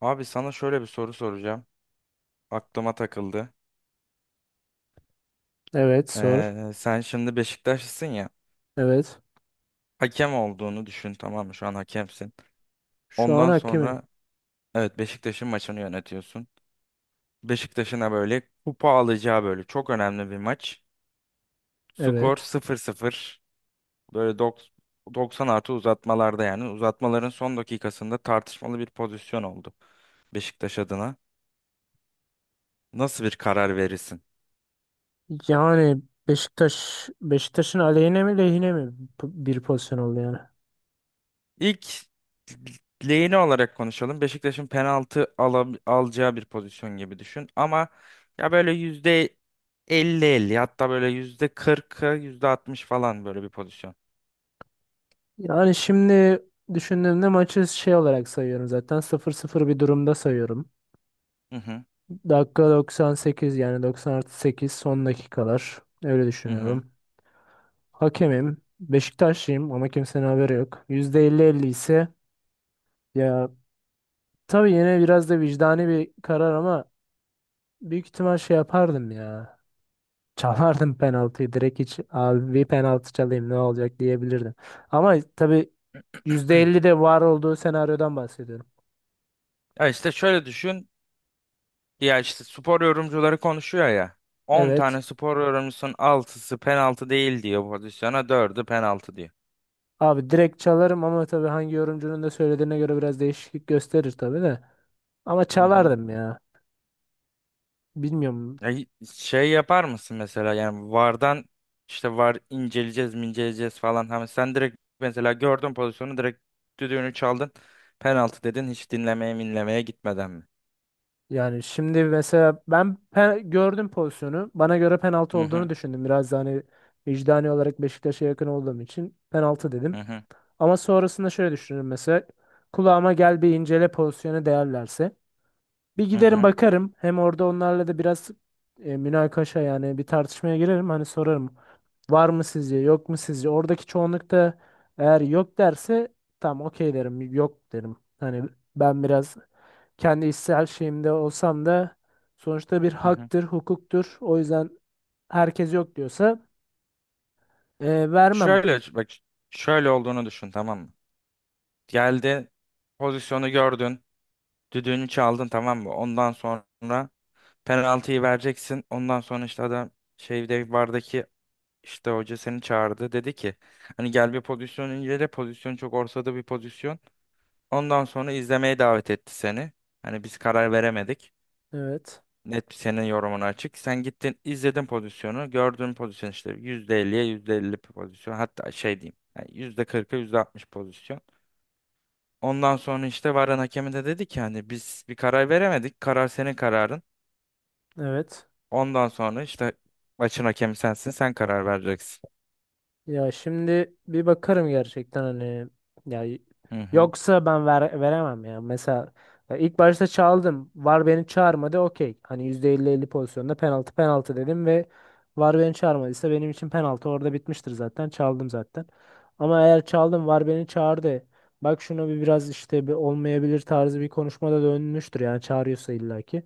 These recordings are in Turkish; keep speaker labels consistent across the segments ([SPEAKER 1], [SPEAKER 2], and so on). [SPEAKER 1] Abi sana şöyle bir soru soracağım. Aklıma takıldı.
[SPEAKER 2] Evet, sor.
[SPEAKER 1] Sen şimdi Beşiktaşlısın ya.
[SPEAKER 2] Evet.
[SPEAKER 1] Hakem olduğunu düşün, tamam mı? Şu an hakemsin.
[SPEAKER 2] Şu an
[SPEAKER 1] Ondan
[SPEAKER 2] hakemim.
[SPEAKER 1] sonra evet Beşiktaş'ın maçını yönetiyorsun. Beşiktaş'ına böyle kupa alacağı böyle çok önemli bir maç. Skor
[SPEAKER 2] Evet.
[SPEAKER 1] sıfır sıfır. Böyle 90 artı uzatmalarda yani. Uzatmaların son dakikasında tartışmalı bir pozisyon oldu Beşiktaş adına. Nasıl bir karar verirsin?
[SPEAKER 2] Yani Beşiktaş'ın aleyhine mi lehine mi bir pozisyon oldu yani.
[SPEAKER 1] İlk lehine olarak konuşalım. Beşiktaş'ın penaltı alacağı bir pozisyon gibi düşün. Ama ya böyle yüzde elli 50, hatta böyle yüzde 40'a yüzde 60 falan böyle bir pozisyon.
[SPEAKER 2] Yani şimdi düşündüğümde maçı şey olarak sayıyorum zaten. Sıfır sıfır bir durumda sayıyorum.
[SPEAKER 1] Hı hı,
[SPEAKER 2] Dakika doksan sekiz, yani 90 artı sekiz, son dakikalar. Öyle
[SPEAKER 1] hı hı.
[SPEAKER 2] düşünüyorum. Hakemim. Beşiktaşlıyım ama kimsenin haberi yok. Yüzde elli elli ise ya, tabii yine biraz da vicdani bir karar ama büyük ihtimal şey yapardım ya. Çalardım penaltıyı direkt, hiç abi bir penaltı çalayım ne olacak diyebilirdim. Ama tabii %50 de var olduğu senaryodan bahsediyorum.
[SPEAKER 1] Ya işte şöyle düşün. Ya işte spor yorumcuları konuşuyor ya. On
[SPEAKER 2] Evet.
[SPEAKER 1] tane spor yorumcusunun 6'sı penaltı değil diyor pozisyona, 4'ü penaltı diyor.
[SPEAKER 2] Abi direkt çalarım ama tabii hangi yorumcunun da söylediğine göre biraz değişiklik gösterir tabii de. Ama
[SPEAKER 1] Hı hı.
[SPEAKER 2] çalardım ya. Bilmiyorum.
[SPEAKER 1] Ya şey yapar mısın mesela, yani VAR'dan işte VAR inceleyeceğiz mi inceleyeceğiz falan. Hani sen direkt mesela gördün pozisyonu, direkt düdüğünü çaldın. Penaltı dedin hiç dinlemeye minlemeye gitmeden mi?
[SPEAKER 2] Yani şimdi mesela ben gördüm pozisyonu. Bana göre penaltı
[SPEAKER 1] Hı
[SPEAKER 2] olduğunu
[SPEAKER 1] hı
[SPEAKER 2] düşündüm. Biraz da hani vicdani olarak Beşiktaş'a yakın olduğum için penaltı dedim.
[SPEAKER 1] hı hı
[SPEAKER 2] Ama sonrasında şöyle düşünürüm mesela. Kulağıma gel bir incele pozisyonu değerlerse. Bir
[SPEAKER 1] hı
[SPEAKER 2] giderim
[SPEAKER 1] hı.
[SPEAKER 2] bakarım. Hem orada onlarla da biraz münakaşa, yani bir tartışmaya girerim. Hani sorarım. Var mı sizce? Yok mu sizce? Oradaki çoğunlukta eğer yok derse tamam, okey derim. Yok derim. Hani ben biraz kendi içsel şeyimde olsam da sonuçta bir
[SPEAKER 1] Hı hı.
[SPEAKER 2] haktır, hukuktur. O yüzden herkes yok diyorsa vermem.
[SPEAKER 1] Şöyle bak, şöyle olduğunu düşün tamam mı? Geldi, pozisyonu gördün, düdüğünü çaldın tamam mı? Ondan sonra penaltıyı vereceksin. Ondan sonra işte adam şeyde VAR'daki İşte hoca seni çağırdı. Dedi ki hani gel bir pozisyon incele. Pozisyon çok ortada bir pozisyon. Ondan sonra izlemeye davet etti seni. Hani biz karar veremedik.
[SPEAKER 2] Evet.
[SPEAKER 1] Net senin yorumun açık. Sen gittin izledin pozisyonu. Gördüğün pozisyon işte %50'ye %50 bir pozisyon. Hatta şey diyeyim. Yani %40'a %60 pozisyon. Ondan sonra işte varan hakemi de dedi ki hani biz bir karar veremedik. Karar senin kararın.
[SPEAKER 2] Evet.
[SPEAKER 1] Ondan sonra işte maçın hakemi sensin. Sen karar vereceksin.
[SPEAKER 2] Ya şimdi bir bakarım gerçekten hani ya y-
[SPEAKER 1] Hı hı.
[SPEAKER 2] yoksa ben veremem ya. Mesela ya ilk başta çaldım. VAR beni çağırmadı. Okey. Hani yüzde elli elli pozisyonda penaltı dedim ve VAR beni çağırmadıysa benim için penaltı orada bitmiştir zaten. Çaldım zaten. Ama eğer çaldım VAR beni çağırdı. Bak şuna bir biraz, işte bir olmayabilir tarzı bir konuşmada dönmüştür yani çağırıyorsa illaki.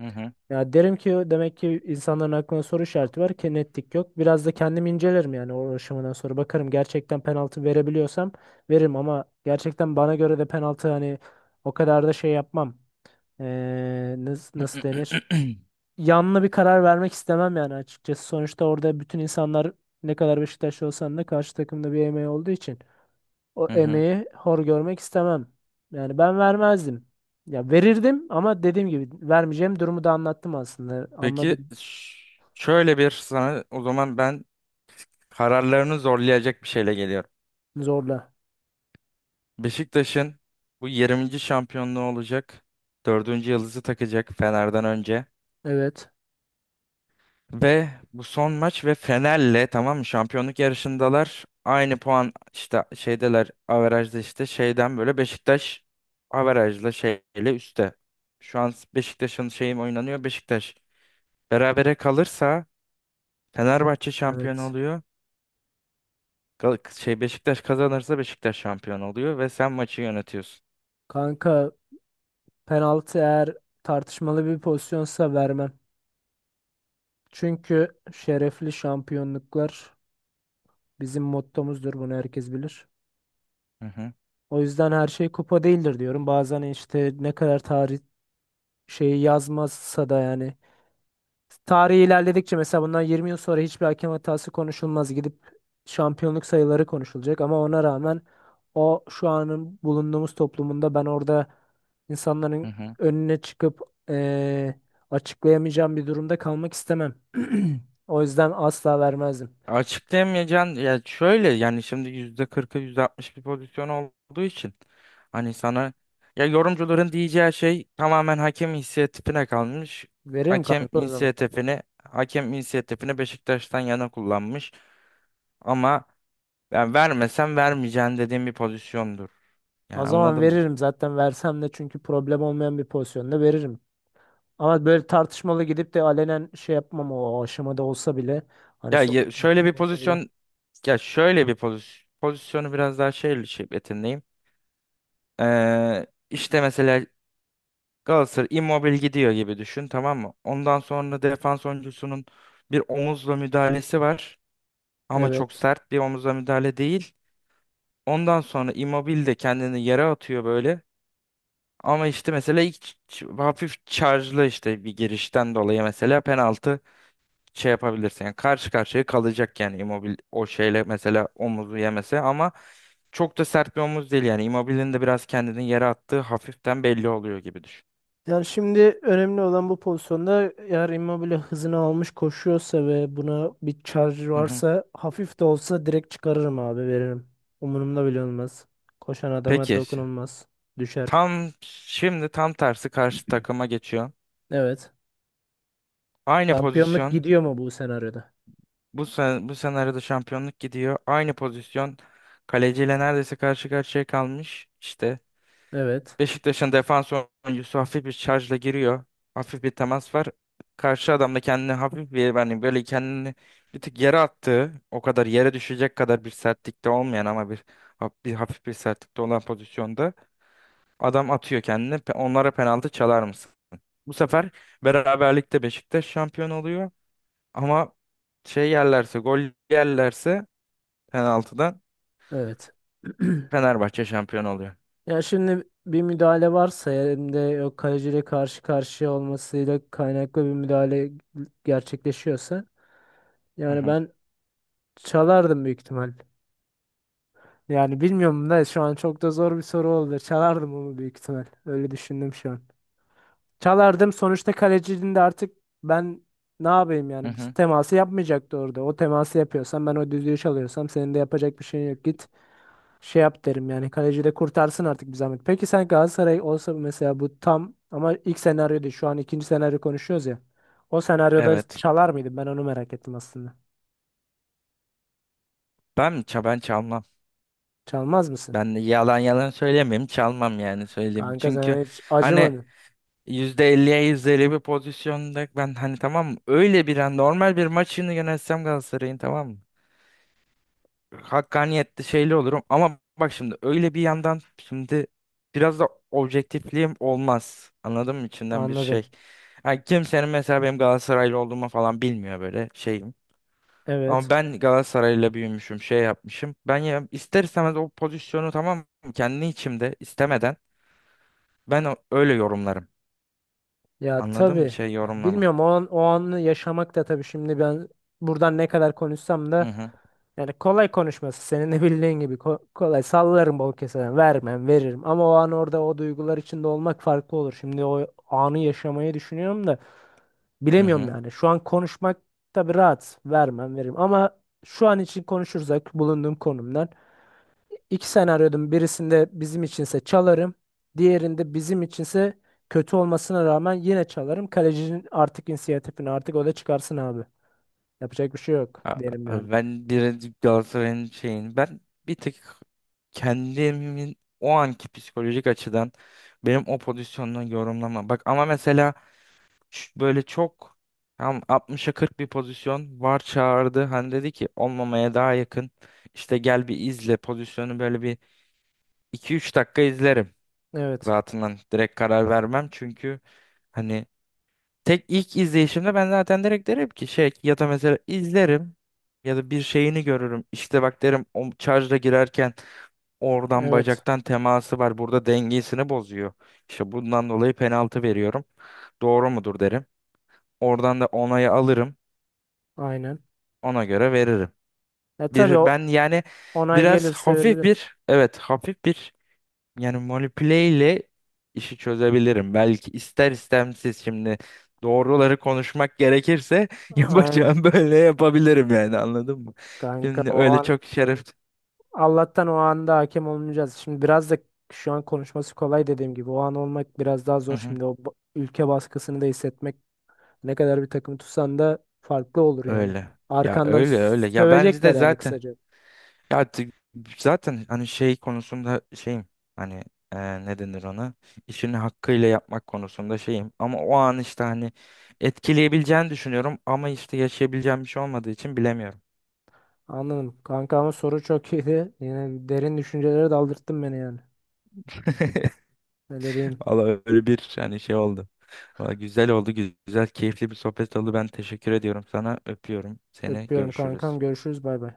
[SPEAKER 1] Hı hı.
[SPEAKER 2] Ya derim ki demek ki insanların aklına soru işareti var ki netlik yok. Biraz da kendim incelerim yani o aşamadan sonra bakarım gerçekten penaltı verebiliyorsam veririm ama gerçekten bana göre de penaltı, hani o kadar da şey yapmam. Nasıl, nasıl denir? Yanlı bir karar vermek istemem yani açıkçası. Sonuçta orada bütün insanlar ne kadar Beşiktaşlı olsan da karşı takımda bir emeği olduğu için o
[SPEAKER 1] Hı hı.
[SPEAKER 2] emeği hor görmek istemem. Yani ben vermezdim. Ya verirdim ama dediğim gibi vermeyeceğim durumu da anlattım aslında.
[SPEAKER 1] Peki
[SPEAKER 2] Anladım.
[SPEAKER 1] şöyle bir sana o zaman ben kararlarını zorlayacak bir şeyle geliyorum.
[SPEAKER 2] Zorla.
[SPEAKER 1] Beşiktaş'ın bu 20. şampiyonluğu olacak. Dördüncü yıldızı takacak Fener'den önce.
[SPEAKER 2] Evet.
[SPEAKER 1] Ve bu son maç ve Fener'le tamam mı şampiyonluk yarışındalar. Aynı puan işte şeydeler averajda işte şeyden böyle Beşiktaş averajla şeyle üstte. Şu an Beşiktaş'ın şeyim oynanıyor Beşiktaş. Berabere kalırsa Fenerbahçe şampiyon
[SPEAKER 2] Evet.
[SPEAKER 1] oluyor. Şey Beşiktaş kazanırsa Beşiktaş şampiyon oluyor ve sen maçı yönetiyorsun.
[SPEAKER 2] Kanka penaltı eğer tartışmalı bir pozisyonsa vermem. Çünkü şerefli şampiyonluklar bizim mottomuzdur. Bunu herkes bilir.
[SPEAKER 1] Hı hı
[SPEAKER 2] O yüzden her şey kupa değildir diyorum. Bazen işte ne kadar tarih şeyi yazmazsa da yani tarih ilerledikçe, mesela bundan 20 yıl sonra hiçbir hakem hatası konuşulmaz. Gidip şampiyonluk sayıları konuşulacak ama ona rağmen o şu anın bulunduğumuz toplumunda ben orada
[SPEAKER 1] hı.
[SPEAKER 2] insanların
[SPEAKER 1] Hı.
[SPEAKER 2] önüne çıkıp eee, açıklayamayacağım bir durumda kalmak istemem. O yüzden asla vermezdim.
[SPEAKER 1] Açıklayamayacaksın ya, şöyle yani şimdi %40'ı %60 bir pozisyon olduğu için hani sana ya yorumcuların diyeceği şey tamamen hakem inisiyatifine kalmış.
[SPEAKER 2] Veririm
[SPEAKER 1] Hakem
[SPEAKER 2] kanka o zaman.
[SPEAKER 1] inisiyatifini hakem inisiyatifini Beşiktaş'tan yana kullanmış ama ben vermesem vermeyeceğim dediğim bir pozisyondur. Yani
[SPEAKER 2] O zaman
[SPEAKER 1] anladın mı?
[SPEAKER 2] veririm zaten, versem de çünkü problem olmayan bir pozisyonda veririm. Ama böyle tartışmalı gidip de alenen şey yapmam o aşamada olsa bile, hani
[SPEAKER 1] Ya
[SPEAKER 2] son
[SPEAKER 1] ye- şöyle bir
[SPEAKER 2] olsa bile.
[SPEAKER 1] pozisyon Ya şöyle bir pozisyonu biraz daha şey yeteneğim. İşte mesela Galatasaray Immobile gidiyor gibi düşün tamam mı? Ondan sonra defans oyuncusunun bir omuzla müdahalesi var ama çok
[SPEAKER 2] Evet.
[SPEAKER 1] sert bir omuzla müdahale değil. Ondan sonra Immobile de kendini yere atıyor böyle. Ama işte mesela ilk hafif charge'lı işte bir girişten dolayı mesela penaltı şey yapabilirsin. Yani karşı karşıya kalacak yani Immobile o şeyle mesela omuzu yemese ama çok da sert bir omuz değil yani. Immobile'nin de biraz kendini yere attığı hafiften belli oluyor gibi düşün.
[SPEAKER 2] Yani şimdi önemli olan, bu pozisyonda eğer Immobile hızını almış koşuyorsa ve buna bir charge
[SPEAKER 1] Hı hı.
[SPEAKER 2] varsa hafif de olsa direkt çıkarırım abi, veririm. Umurumda bile olmaz. Koşan adama
[SPEAKER 1] Peki.
[SPEAKER 2] dokunulmaz. Düşer.
[SPEAKER 1] Tam şimdi tam tersi karşı takıma geçiyor.
[SPEAKER 2] Evet.
[SPEAKER 1] Aynı
[SPEAKER 2] Şampiyonluk
[SPEAKER 1] pozisyon.
[SPEAKER 2] gidiyor mu bu senaryoda?
[SPEAKER 1] Bu senaryoda şampiyonluk gidiyor. Aynı pozisyon. Kaleciyle neredeyse karşı karşıya kalmış. İşte
[SPEAKER 2] Evet.
[SPEAKER 1] Beşiktaş'ın defans oyuncusu hafif bir şarjla giriyor. Hafif bir temas var. Karşı adam da kendini hafif bir yani böyle kendini bir tık yere attığı, o kadar yere düşecek kadar bir sertlikte olmayan ama bir hafif bir sertlikte olan pozisyonda adam atıyor kendini. Onlara penaltı çalar mısın? Bu sefer beraberlikte Beşiktaş şampiyon oluyor ama şey yerlerse gol yerlerse penaltıdan
[SPEAKER 2] Evet.
[SPEAKER 1] Fenerbahçe şampiyon oluyor.
[SPEAKER 2] Ya şimdi bir müdahale varsa hem de o kaleciyle karşı karşıya olmasıyla kaynaklı bir müdahale gerçekleşiyorsa,
[SPEAKER 1] Hı
[SPEAKER 2] yani
[SPEAKER 1] hı.
[SPEAKER 2] ben çalardım büyük ihtimal. Yani bilmiyorum da şu an çok da zor bir soru oldu. Çalardım onu büyük ihtimal. Öyle düşündüm şu an. Çalardım. Sonuçta kalecinin de artık, ben ne yapayım
[SPEAKER 1] Hı
[SPEAKER 2] yani? Biz
[SPEAKER 1] hı.
[SPEAKER 2] teması yapmayacaktı orada. O teması yapıyorsam, ben o düdüğü çalıyorsam senin de yapacak bir şeyin yok. Git şey yap derim yani. Kaleci de kurtarsın artık bir zahmet. Peki sen Galatasaray olsa mesela, bu tam ama ilk senaryo değil. Şu an ikinci senaryo konuşuyoruz ya. O senaryoda
[SPEAKER 1] Evet.
[SPEAKER 2] çalar mıydın? Ben onu merak ettim aslında.
[SPEAKER 1] Ben çalmam.
[SPEAKER 2] Çalmaz mısın?
[SPEAKER 1] Ben de yalan yalan söylemeyeyim, çalmam yani söyleyeyim.
[SPEAKER 2] Kanka
[SPEAKER 1] Çünkü
[SPEAKER 2] sen hiç
[SPEAKER 1] hani
[SPEAKER 2] acımadın.
[SPEAKER 1] yüzde elliye %50 bir pozisyonda ben hani tamam, öyle bir an normal bir maçını yönetsem Galatasaray'ın tamam mı? Hakkaniyetli şeyli olurum ama bak şimdi öyle bir yandan şimdi biraz da objektifliğim olmaz. Anladın mı? İçinden bir
[SPEAKER 2] Anladım.
[SPEAKER 1] şey. Yani kimsenin mesela benim Galatasaraylı olduğumu falan bilmiyor böyle şeyim. Ama
[SPEAKER 2] Evet.
[SPEAKER 1] ben Galatasaray'la büyümüşüm, şey yapmışım. Ben ya ister istemez o pozisyonu tamam mı? Kendi içimde istemeden ben öyle yorumlarım.
[SPEAKER 2] Ya
[SPEAKER 1] Anladın mı?
[SPEAKER 2] tabii.
[SPEAKER 1] Şey
[SPEAKER 2] Ya
[SPEAKER 1] yorumlama.
[SPEAKER 2] bilmiyorum o an, o anı yaşamak da tabii, şimdi ben buradan ne kadar konuşsam
[SPEAKER 1] Hı
[SPEAKER 2] da,
[SPEAKER 1] hı.
[SPEAKER 2] yani kolay konuşması senin de bildiğin gibi, kolay sallarım, bol keseden vermem veririm ama o an orada o duygular içinde olmak farklı olur. Şimdi o anı yaşamayı düşünüyorum da
[SPEAKER 1] Hı
[SPEAKER 2] bilemiyorum
[SPEAKER 1] hı.
[SPEAKER 2] yani şu an konuşmak, tabii rahat vermem veririm ama şu an için konuşursak bulunduğum konumdan, İki senaryodun birisinde bizim içinse çalarım. Diğerinde bizim içinse kötü olmasına rağmen yine çalarım. Kalecinin artık inisiyatifini, artık o da çıkarsın abi. Yapacak bir şey yok
[SPEAKER 1] A-
[SPEAKER 2] derim yani.
[SPEAKER 1] Ben direkt Galatasaray'ın şeyini ben bir tık kendimin o anki psikolojik açıdan benim o pozisyondan yorumlama. Bak ama mesela böyle çok tam 60'a 40 bir pozisyon var çağırdı. Hani dedi ki olmamaya daha yakın. İşte gel bir izle pozisyonu, böyle bir iki üç dakika izlerim.
[SPEAKER 2] Evet.
[SPEAKER 1] Rahatından direkt karar vermem çünkü hani tek ilk izleyişimde ben zaten direkt derim ki şey, ya da mesela izlerim ya da bir şeyini görürüm. İşte bak derim, o şarja girerken oradan
[SPEAKER 2] Evet.
[SPEAKER 1] bacaktan teması var. Burada dengesini bozuyor. İşte bundan dolayı penaltı veriyorum. Doğru mudur derim. Oradan da onayı alırım.
[SPEAKER 2] Aynen.
[SPEAKER 1] Ona göre veririm.
[SPEAKER 2] E tabii
[SPEAKER 1] Bir
[SPEAKER 2] o
[SPEAKER 1] ben yani
[SPEAKER 2] onay
[SPEAKER 1] biraz
[SPEAKER 2] gelirse
[SPEAKER 1] hafif
[SPEAKER 2] verilir.
[SPEAKER 1] bir, evet, hafif bir yani manipüle ile işi çözebilirim. Belki ister istemsiz şimdi doğruları konuşmak gerekirse
[SPEAKER 2] Aynen.
[SPEAKER 1] yapacağım, böyle yapabilirim yani, anladın mı?
[SPEAKER 2] Kanka
[SPEAKER 1] Şimdi
[SPEAKER 2] o
[SPEAKER 1] öyle
[SPEAKER 2] an,
[SPEAKER 1] çok şeref.
[SPEAKER 2] Allah'tan o anda hakem olmayacağız. Şimdi biraz da şu an konuşması kolay dediğim gibi. O an olmak biraz daha
[SPEAKER 1] Hı
[SPEAKER 2] zor.
[SPEAKER 1] hı,
[SPEAKER 2] Şimdi o ülke baskısını da hissetmek, ne kadar bir takım tutsan da farklı olur yani.
[SPEAKER 1] öyle. Ya
[SPEAKER 2] Arkandan
[SPEAKER 1] öyle öyle. Ya ben de
[SPEAKER 2] sövecekler yani
[SPEAKER 1] zaten
[SPEAKER 2] kısaca.
[SPEAKER 1] ya t- zaten hani şey konusunda şeyim. Hani, ne denir ona? İşini hakkıyla yapmak konusunda şeyim. Ama o an işte hani etkileyebileceğini düşünüyorum ama işte yaşayabileceğim bir şey olmadığı için bilemiyorum.
[SPEAKER 2] Anladım. Kanka ama soru çok iyiydi. Yine derin düşüncelere daldırttın beni yani. Öyle diyeyim.
[SPEAKER 1] Valla öyle bir hani şey oldu. Valla güzel oldu, güzel, keyifli bir sohbet oldu. Ben teşekkür ediyorum sana. Öpüyorum seni.
[SPEAKER 2] Öpüyorum
[SPEAKER 1] Görüşürüz.
[SPEAKER 2] kankam. Görüşürüz. Bay bay.